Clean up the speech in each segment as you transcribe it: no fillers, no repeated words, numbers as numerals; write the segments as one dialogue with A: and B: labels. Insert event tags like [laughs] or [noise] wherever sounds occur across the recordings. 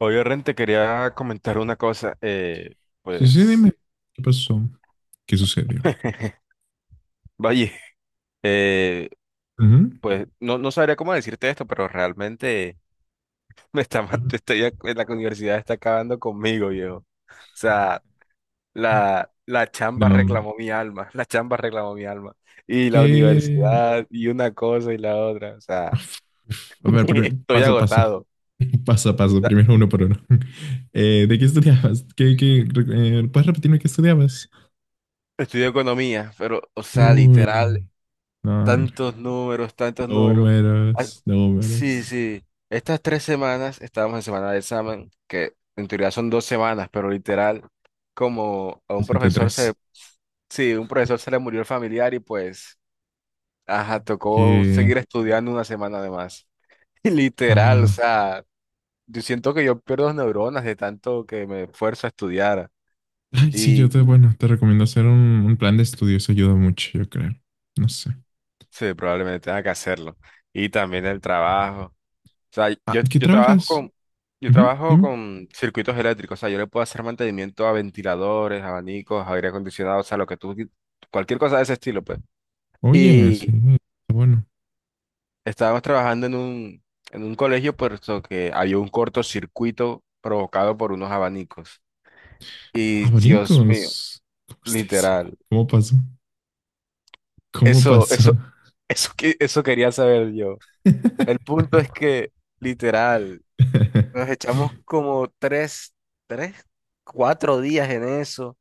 A: Oye, Ren, te quería comentar una cosa.
B: Sí, sí, dime.
A: Pues,
B: ¿Qué pasó? ¿Qué sucedió?
A: Vaya. [laughs] eh,
B: Ujú.
A: pues no sabría cómo decirte esto, pero realmente [laughs] [laughs] la universidad está acabando conmigo, viejo. O sea, la chamba
B: No, hombre.
A: reclamó mi alma, [laughs] la chamba reclamó mi alma. Y la
B: ¿Qué?
A: universidad, y una cosa y la otra. O sea,
B: Uf, uf.
A: [laughs]
B: A ver, primero,
A: estoy
B: paso a paso.
A: agotado.
B: [laughs] Paso a paso,
A: O sea,
B: primero uno por uno. [laughs] ¿De qué estudiabas? ¿Puedes repetirme qué estudiabas?
A: estudio economía, pero, o sea,
B: Uy,
A: literal.
B: no, hombre.
A: Tantos números, tantos números. Ah,
B: Números,
A: sí,
B: números.
A: sí. Estas tres semanas, estábamos en semana de examen, que en teoría son dos semanas, pero literal, como a un
B: 7
A: profesor se,
B: tres.
A: sí, un profesor se le murió el familiar y pues, ajá, tocó seguir
B: Que.
A: estudiando una semana de más. [laughs] Literal, o
B: Ah.
A: sea, yo siento que yo pierdo neuronas de tanto que me esfuerzo a estudiar
B: Ay, sí,
A: y
B: bueno, te recomiendo hacer un plan de estudios, ayuda mucho, yo creo. No sé.
A: sí, probablemente tenga que hacerlo. Y también el trabajo. O sea,
B: Ah,
A: yo,
B: ¿qué
A: yo
B: trabajas?
A: yo
B: Ujú,
A: trabajo
B: dime.
A: con circuitos eléctricos, o sea, yo le puedo hacer mantenimiento a ventiladores, abanicos, aire acondicionado, o sea, lo que tú, cualquier cosa de ese estilo, pues.
B: Oye, sí,
A: Y
B: está bueno.
A: estábamos trabajando en un colegio, puesto que había un cortocircuito provocado por unos abanicos. Y Dios mío,
B: Abanicos. ¿Cómo estáis?
A: literal,
B: ¿Cómo pasó? ¿Cómo
A: eso,
B: pasó?
A: eso, eso quería saber yo. El punto
B: [laughs]
A: es que, literal, nos echamos como tres, cuatro días en eso.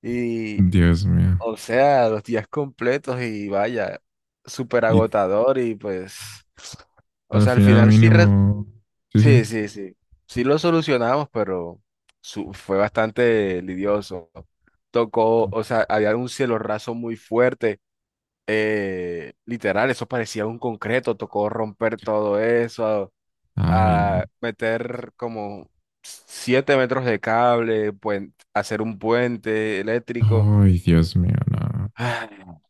A: Y,
B: Dios mío.
A: o sea, los días completos y vaya, súper
B: Y
A: agotador y pues, o
B: al
A: sea, al
B: final
A: final sí, re-
B: mínimo... Sí, sí.
A: sí, sí, sí, sí lo solucionamos, pero fue bastante lidioso. Tocó,
B: No,
A: o sea, había un cielo raso muy fuerte, literal, eso parecía un concreto, tocó romper todo eso,
B: Ay,
A: a,
B: no.
A: meter como siete metros de cable, hacer un puente eléctrico.
B: Ay, Dios mío, no.
A: [sighs]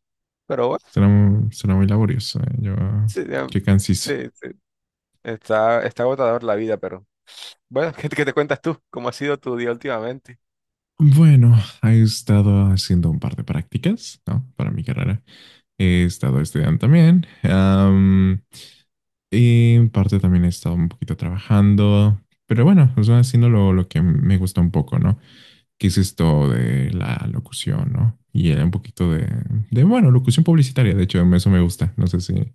A: Pero bueno,
B: Será muy laborioso, eh. Yo,
A: sí, ya,
B: qué cansino.
A: sí, sí. Está, está agotador la vida, pero bueno, [laughs] qué te cuentas tú? ¿Cómo ha sido tu día últimamente?
B: Bueno, he estado haciendo un par de prácticas, ¿no? Para mi carrera. He estado estudiando también. Y en parte también he estado un poquito trabajando, pero bueno, o sea, haciendo lo que me gusta un poco, ¿no? Que es esto de la locución, ¿no? Y era un poquito de, bueno, locución publicitaria, de hecho, eso me gusta, no sé si,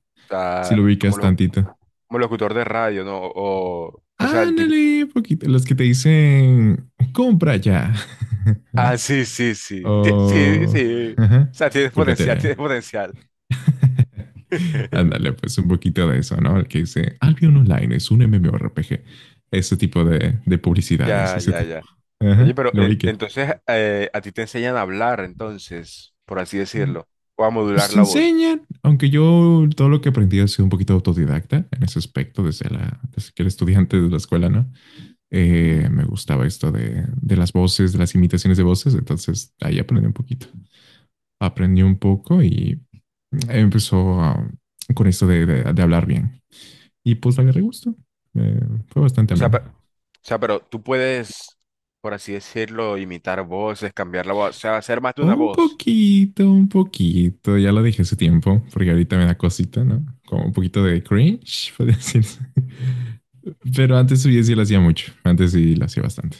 B: si
A: Ah,
B: lo
A: como,
B: ubicas
A: lo,
B: tantito.
A: ¿Como locutor de radio, no? O sea, el tipo...
B: Ándale, poquito, los que te dicen, compra ya, [laughs] ¿no?
A: Ah, sí, sí, sí. Sí,
B: O,
A: sí. O
B: ajá,
A: sea, tienes potencial,
B: cúlgate.
A: tienes potencial.
B: [laughs] Ándale,
A: [laughs]
B: pues un poquito de eso, ¿no? El que dice Albion Online es un MMORPG. Ese tipo de publicidades,
A: Ya,
B: ese
A: ya,
B: tipo.
A: ya. Oye,
B: Ajá,
A: pero
B: lo vi que.
A: entonces a ti te enseñan a hablar, entonces, por así decirlo, o a
B: Pues
A: modular
B: te
A: la voz.
B: enseñan, aunque yo todo lo que aprendí ha sido un poquito autodidacta en ese aspecto, desde, la, desde que era estudiante de la escuela, ¿no? Me gustaba esto de las voces, de las imitaciones de voces, entonces ahí aprendí un poquito. Aprendí un poco y empezó a, con esto de hablar bien. Y pues le agarré gusto. Eh, fue bastante
A: O sea, pe-
B: ameno.
A: o ¿Pero tú puedes, por así decirlo, imitar voces, cambiar la voz, o sea, hacer más de una voz?
B: Un poquito, ya lo dije hace tiempo, porque ahorita me da cosita, ¿no? Como un poquito de cringe, podría decirse. [laughs] Pero antes sí, sí lo hacía mucho, antes sí lo hacía bastante.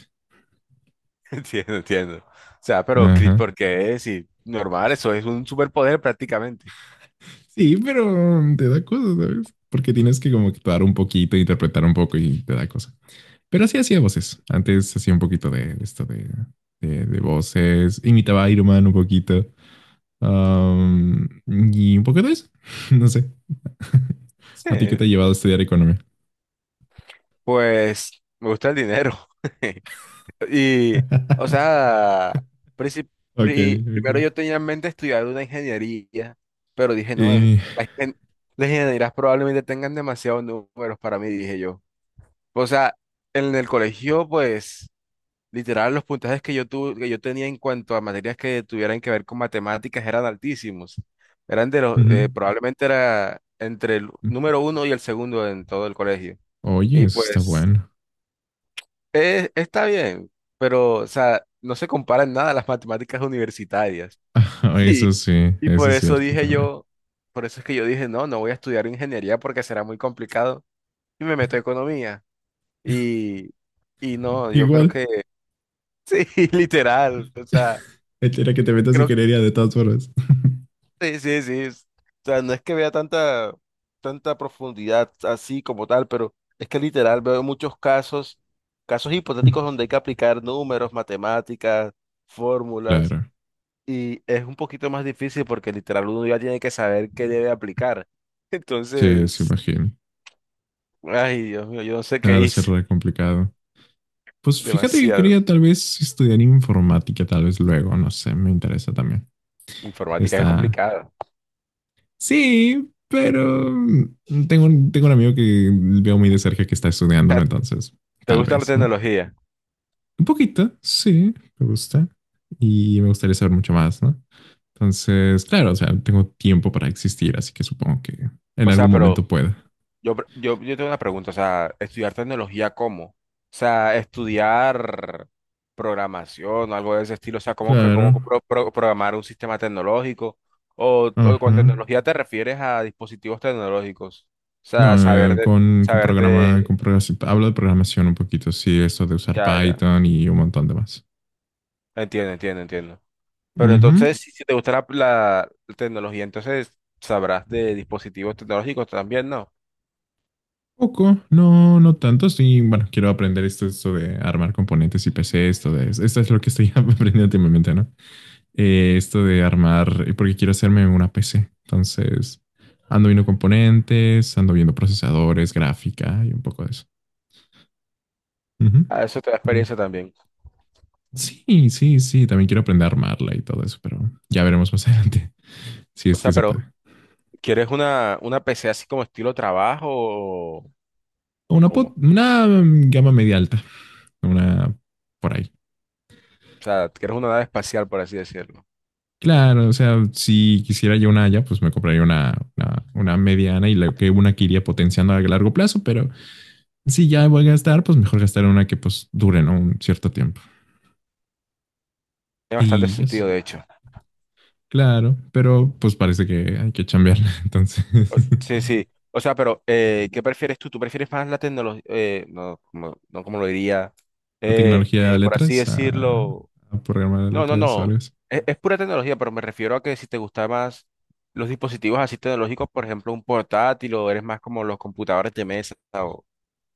A: [laughs] Entiendo, entiendo. O sea, pero Chris,
B: Ajá.
A: ¿por qué es normal? Eso es un superpoder prácticamente.
B: Sí, pero te da cosas, ¿sabes? Porque tienes que como actuar un poquito, interpretar un poco y te da cosas. Pero sí hacía voces. Antes hacía un poquito de esto de voces. Imitaba a Iron Man un poquito. Y un poquito de eso. [laughs] No sé. [laughs]
A: Sí,
B: ¿A ti qué te ha llevado a estudiar economía?
A: pues me gusta el dinero. [laughs] Y, o
B: [laughs]
A: sea, princip-
B: Ok,
A: primero
B: ok.
A: yo tenía en mente estudiar una ingeniería, pero dije, no,
B: Y,
A: la ingen- las ingenierías probablemente tengan demasiados números para mí, dije yo. O sea, en el colegio, pues... Literal, los puntajes que yo tuve, que yo tenía en cuanto a materias que tuvieran que ver con matemáticas eran altísimos. Eran de los,
B: ujú.
A: probablemente era entre el número uno y el segundo en todo el colegio.
B: Oye,
A: Y
B: eso está
A: pues,
B: bueno.
A: está bien, pero, o sea, no se comparan nada a las matemáticas universitarias.
B: [laughs]
A: [laughs]
B: Eso
A: Y,
B: sí,
A: y
B: eso
A: por
B: es
A: eso
B: cierto
A: dije
B: también.
A: yo, por eso es que yo dije, no, no voy a estudiar ingeniería porque será muy complicado. Y me meto a economía. Y, y no, yo creo
B: Igual.
A: que, [laughs] sí, literal, o sea.
B: [laughs] Era que te metas y
A: Creo
B: querería de todas formas. [laughs]
A: Sí, sí, sí. O sea, no es que vea tanta, tanta profundidad así como tal, pero es que literal veo muchos casos, casos hipotéticos donde hay que aplicar números, matemáticas, fórmulas,
B: Claro,
A: y es un poquito más difícil porque literal uno ya tiene que saber qué debe aplicar. [laughs]
B: sí, se
A: Entonces,
B: imagino.
A: ay, Dios mío, yo no sé qué
B: Ha de ser
A: hice.
B: re complicado. Pues fíjate que
A: Demasiado.
B: quería tal vez estudiar informática, tal vez luego, no sé, me interesa también.
A: Informática es
B: Está,
A: complicada. O
B: sí, pero mm, tengo un amigo que veo muy de cerca que está estudiándolo,
A: sea,
B: entonces
A: ¿te
B: tal
A: gusta la
B: vez, ¿no?
A: tecnología?
B: Un poquito, sí, me gusta. Y me gustaría saber mucho más, ¿no? Entonces, claro, o sea, tengo tiempo para existir, así que supongo que en
A: O sea,
B: algún momento
A: pero
B: pueda.
A: Yo tengo una pregunta, o sea, ¿estudiar tecnología cómo? O sea, ¿estudiar programación o algo de ese estilo, o sea, cómo, cómo
B: Claro.
A: programar un sistema tecnológico? O
B: Ajá.
A: con tecnología te refieres a dispositivos tecnológicos, o sea,
B: No, con
A: saber
B: programa,
A: de,
B: con programación, hablo de programación un poquito, sí, esto de usar
A: ya, ya,
B: Python y un montón de más.
A: entiendo, entiendo, entiendo. Pero
B: Ujú.
A: entonces, si te gusta la, la tecnología, entonces sabrás de dispositivos tecnológicos también, ¿no?
B: Poco, no, no tanto. Sí, bueno, quiero aprender esto, esto de armar componentes y PC, esto de, esto es lo que estoy [laughs] aprendiendo últimamente, ¿no? Esto de armar, porque quiero hacerme una PC. Entonces, ando viendo componentes, ando viendo procesadores, gráfica y un poco de eso. Ujú.
A: Ah, eso te da
B: Mm.
A: experiencia también.
B: Sí, sí, sí, también quiero aprender a armarla y todo eso, pero ya veremos más [laughs] adelante si
A: O
B: es que
A: sea,
B: se
A: pero...
B: puede.
A: ¿Quieres una PC así como estilo trabajo, o
B: Una, pot-
A: cómo?
B: una mm, gama media alta, una por ahí.
A: O sea, ¿quieres una nave espacial, por así decirlo?
B: Claro, o sea, si quisiera yo una haya, pues me compraría una mediana y que una que iría potenciando a largo plazo, pero si ya voy a gastar, pues mejor gastar una que pues dure, ¿no? Un cierto tiempo.
A: Tiene bastante
B: Y eso,
A: sentido, de hecho.
B: claro, pero pues parece que hay que chambearla. [laughs] Entonces,
A: Sí, sí. O sea, pero ¿qué prefieres tú? ¿Tú prefieres más la tecnología? No, como, no como lo diría,
B: [laughs] la tecnología a
A: Por así
B: letras,
A: decirlo.
B: a programar a
A: No, no,
B: letras o algo
A: no.
B: así.
A: Es pura tecnología, pero me refiero a que si te gustan más los dispositivos así tecnológicos, por ejemplo, un portátil, o eres más como los computadores de mesa. O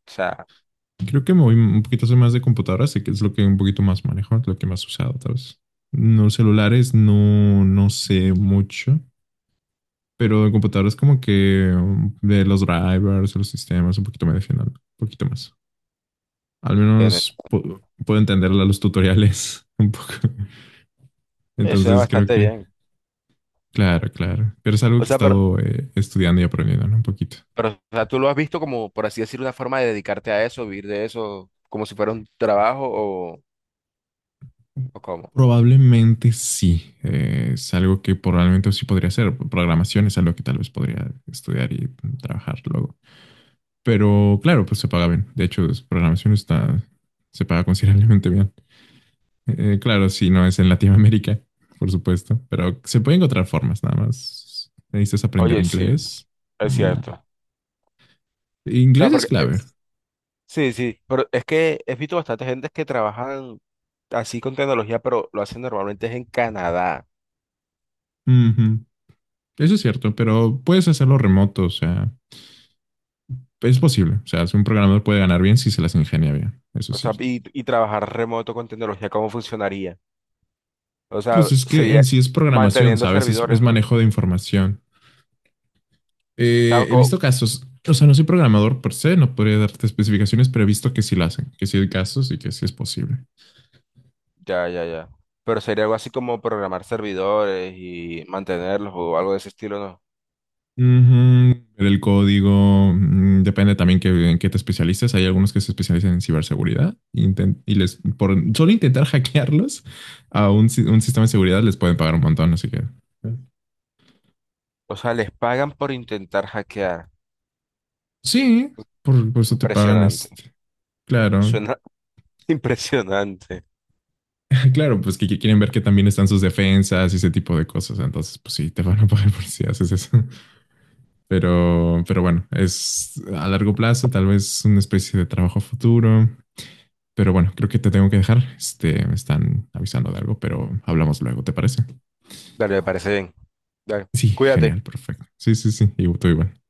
A: sea,
B: Creo que me voy un poquito, soy más de computadoras, sé que es lo que un poquito más manejo, lo que más he usado, tal vez. No celulares, no, no sé mucho. Pero en computadoras como que de los drivers, los sistemas, un poquito me defiendo, un poquito más. Al
A: bien,
B: menos puedo entender los tutoriales [laughs] un poco.
A: eso es
B: Entonces creo
A: bastante
B: que,
A: bien.
B: claro, claro. Pero es algo
A: O
B: que he
A: sea, pero...
B: estado estudiando y aprendiendo, ¿no? Un poquito.
A: Pero, o sea, ¿tú lo has visto como, por así decir, una forma de dedicarte a eso, vivir de eso, como si fuera un trabajo, o cómo?
B: Probablemente sí. Es algo que probablemente sí podría hacer. Programación es algo que tal vez podría estudiar y trabajar luego. Pero claro, pues se paga bien. De hecho, programación está, se paga considerablemente bien. Claro, sí, no es en Latinoamérica, por supuesto, pero se pueden encontrar formas, nada más. Necesitas aprender
A: Oye, sí,
B: inglés
A: es
B: y
A: cierto. O sea,
B: inglés es clave.
A: sí, sí, pero es que he visto bastante gente que trabajan así con tecnología, pero lo hacen normalmente es en Canadá.
B: Ujú, eso es cierto, pero puedes hacerlo remoto, o sea, es posible. O sea, si un programador puede ganar bien si se las ingenia bien, eso es
A: O sea,
B: cierto.
A: ¿y, y trabajar remoto con tecnología, cómo funcionaría? O
B: Pues
A: sea,
B: es que
A: ¿sería
B: en sí es programación,
A: manteniendo
B: ¿sabes? Es
A: servidores, no? O
B: manejo de información.
A: sea,
B: He visto
A: sí.
B: casos, o sea, no soy programador per se, no podría darte especificaciones, pero he visto que sí lo hacen, que sí hay casos y que sí es posible.
A: Ya, ya, ya. Pero sería algo así como programar servidores y mantenerlos o algo de ese estilo, ¿no?
B: Ujú, ver el código, mm, depende también que, en qué te especialices. Hay algunos que se especializan en ciberseguridad inten- y les por solo intentar [laughs] hackearlos a un, si- un sistema de seguridad les pueden pagar un montón, así que eh,
A: O sea, ¿les pagan por intentar hackear?
B: sí, por eso te pagan
A: Impresionante.
B: este. Claro,
A: Suena [laughs] impresionante.
B: [laughs] claro, pues que quieren ver que también están sus defensas y ese tipo de cosas. Entonces, pues sí, te van a pagar [laughs] por si haces eso. [laughs] Pero bueno, es a largo plazo, tal vez una especie de trabajo futuro. Pero bueno, creo que te tengo que dejar. Este, me están avisando de algo, pero hablamos luego, ¿te parece?
A: Dale, me parece bien. Dale,
B: Sí,
A: cuídate.
B: genial, perfecto. Sí, sí, sí, y tú igual.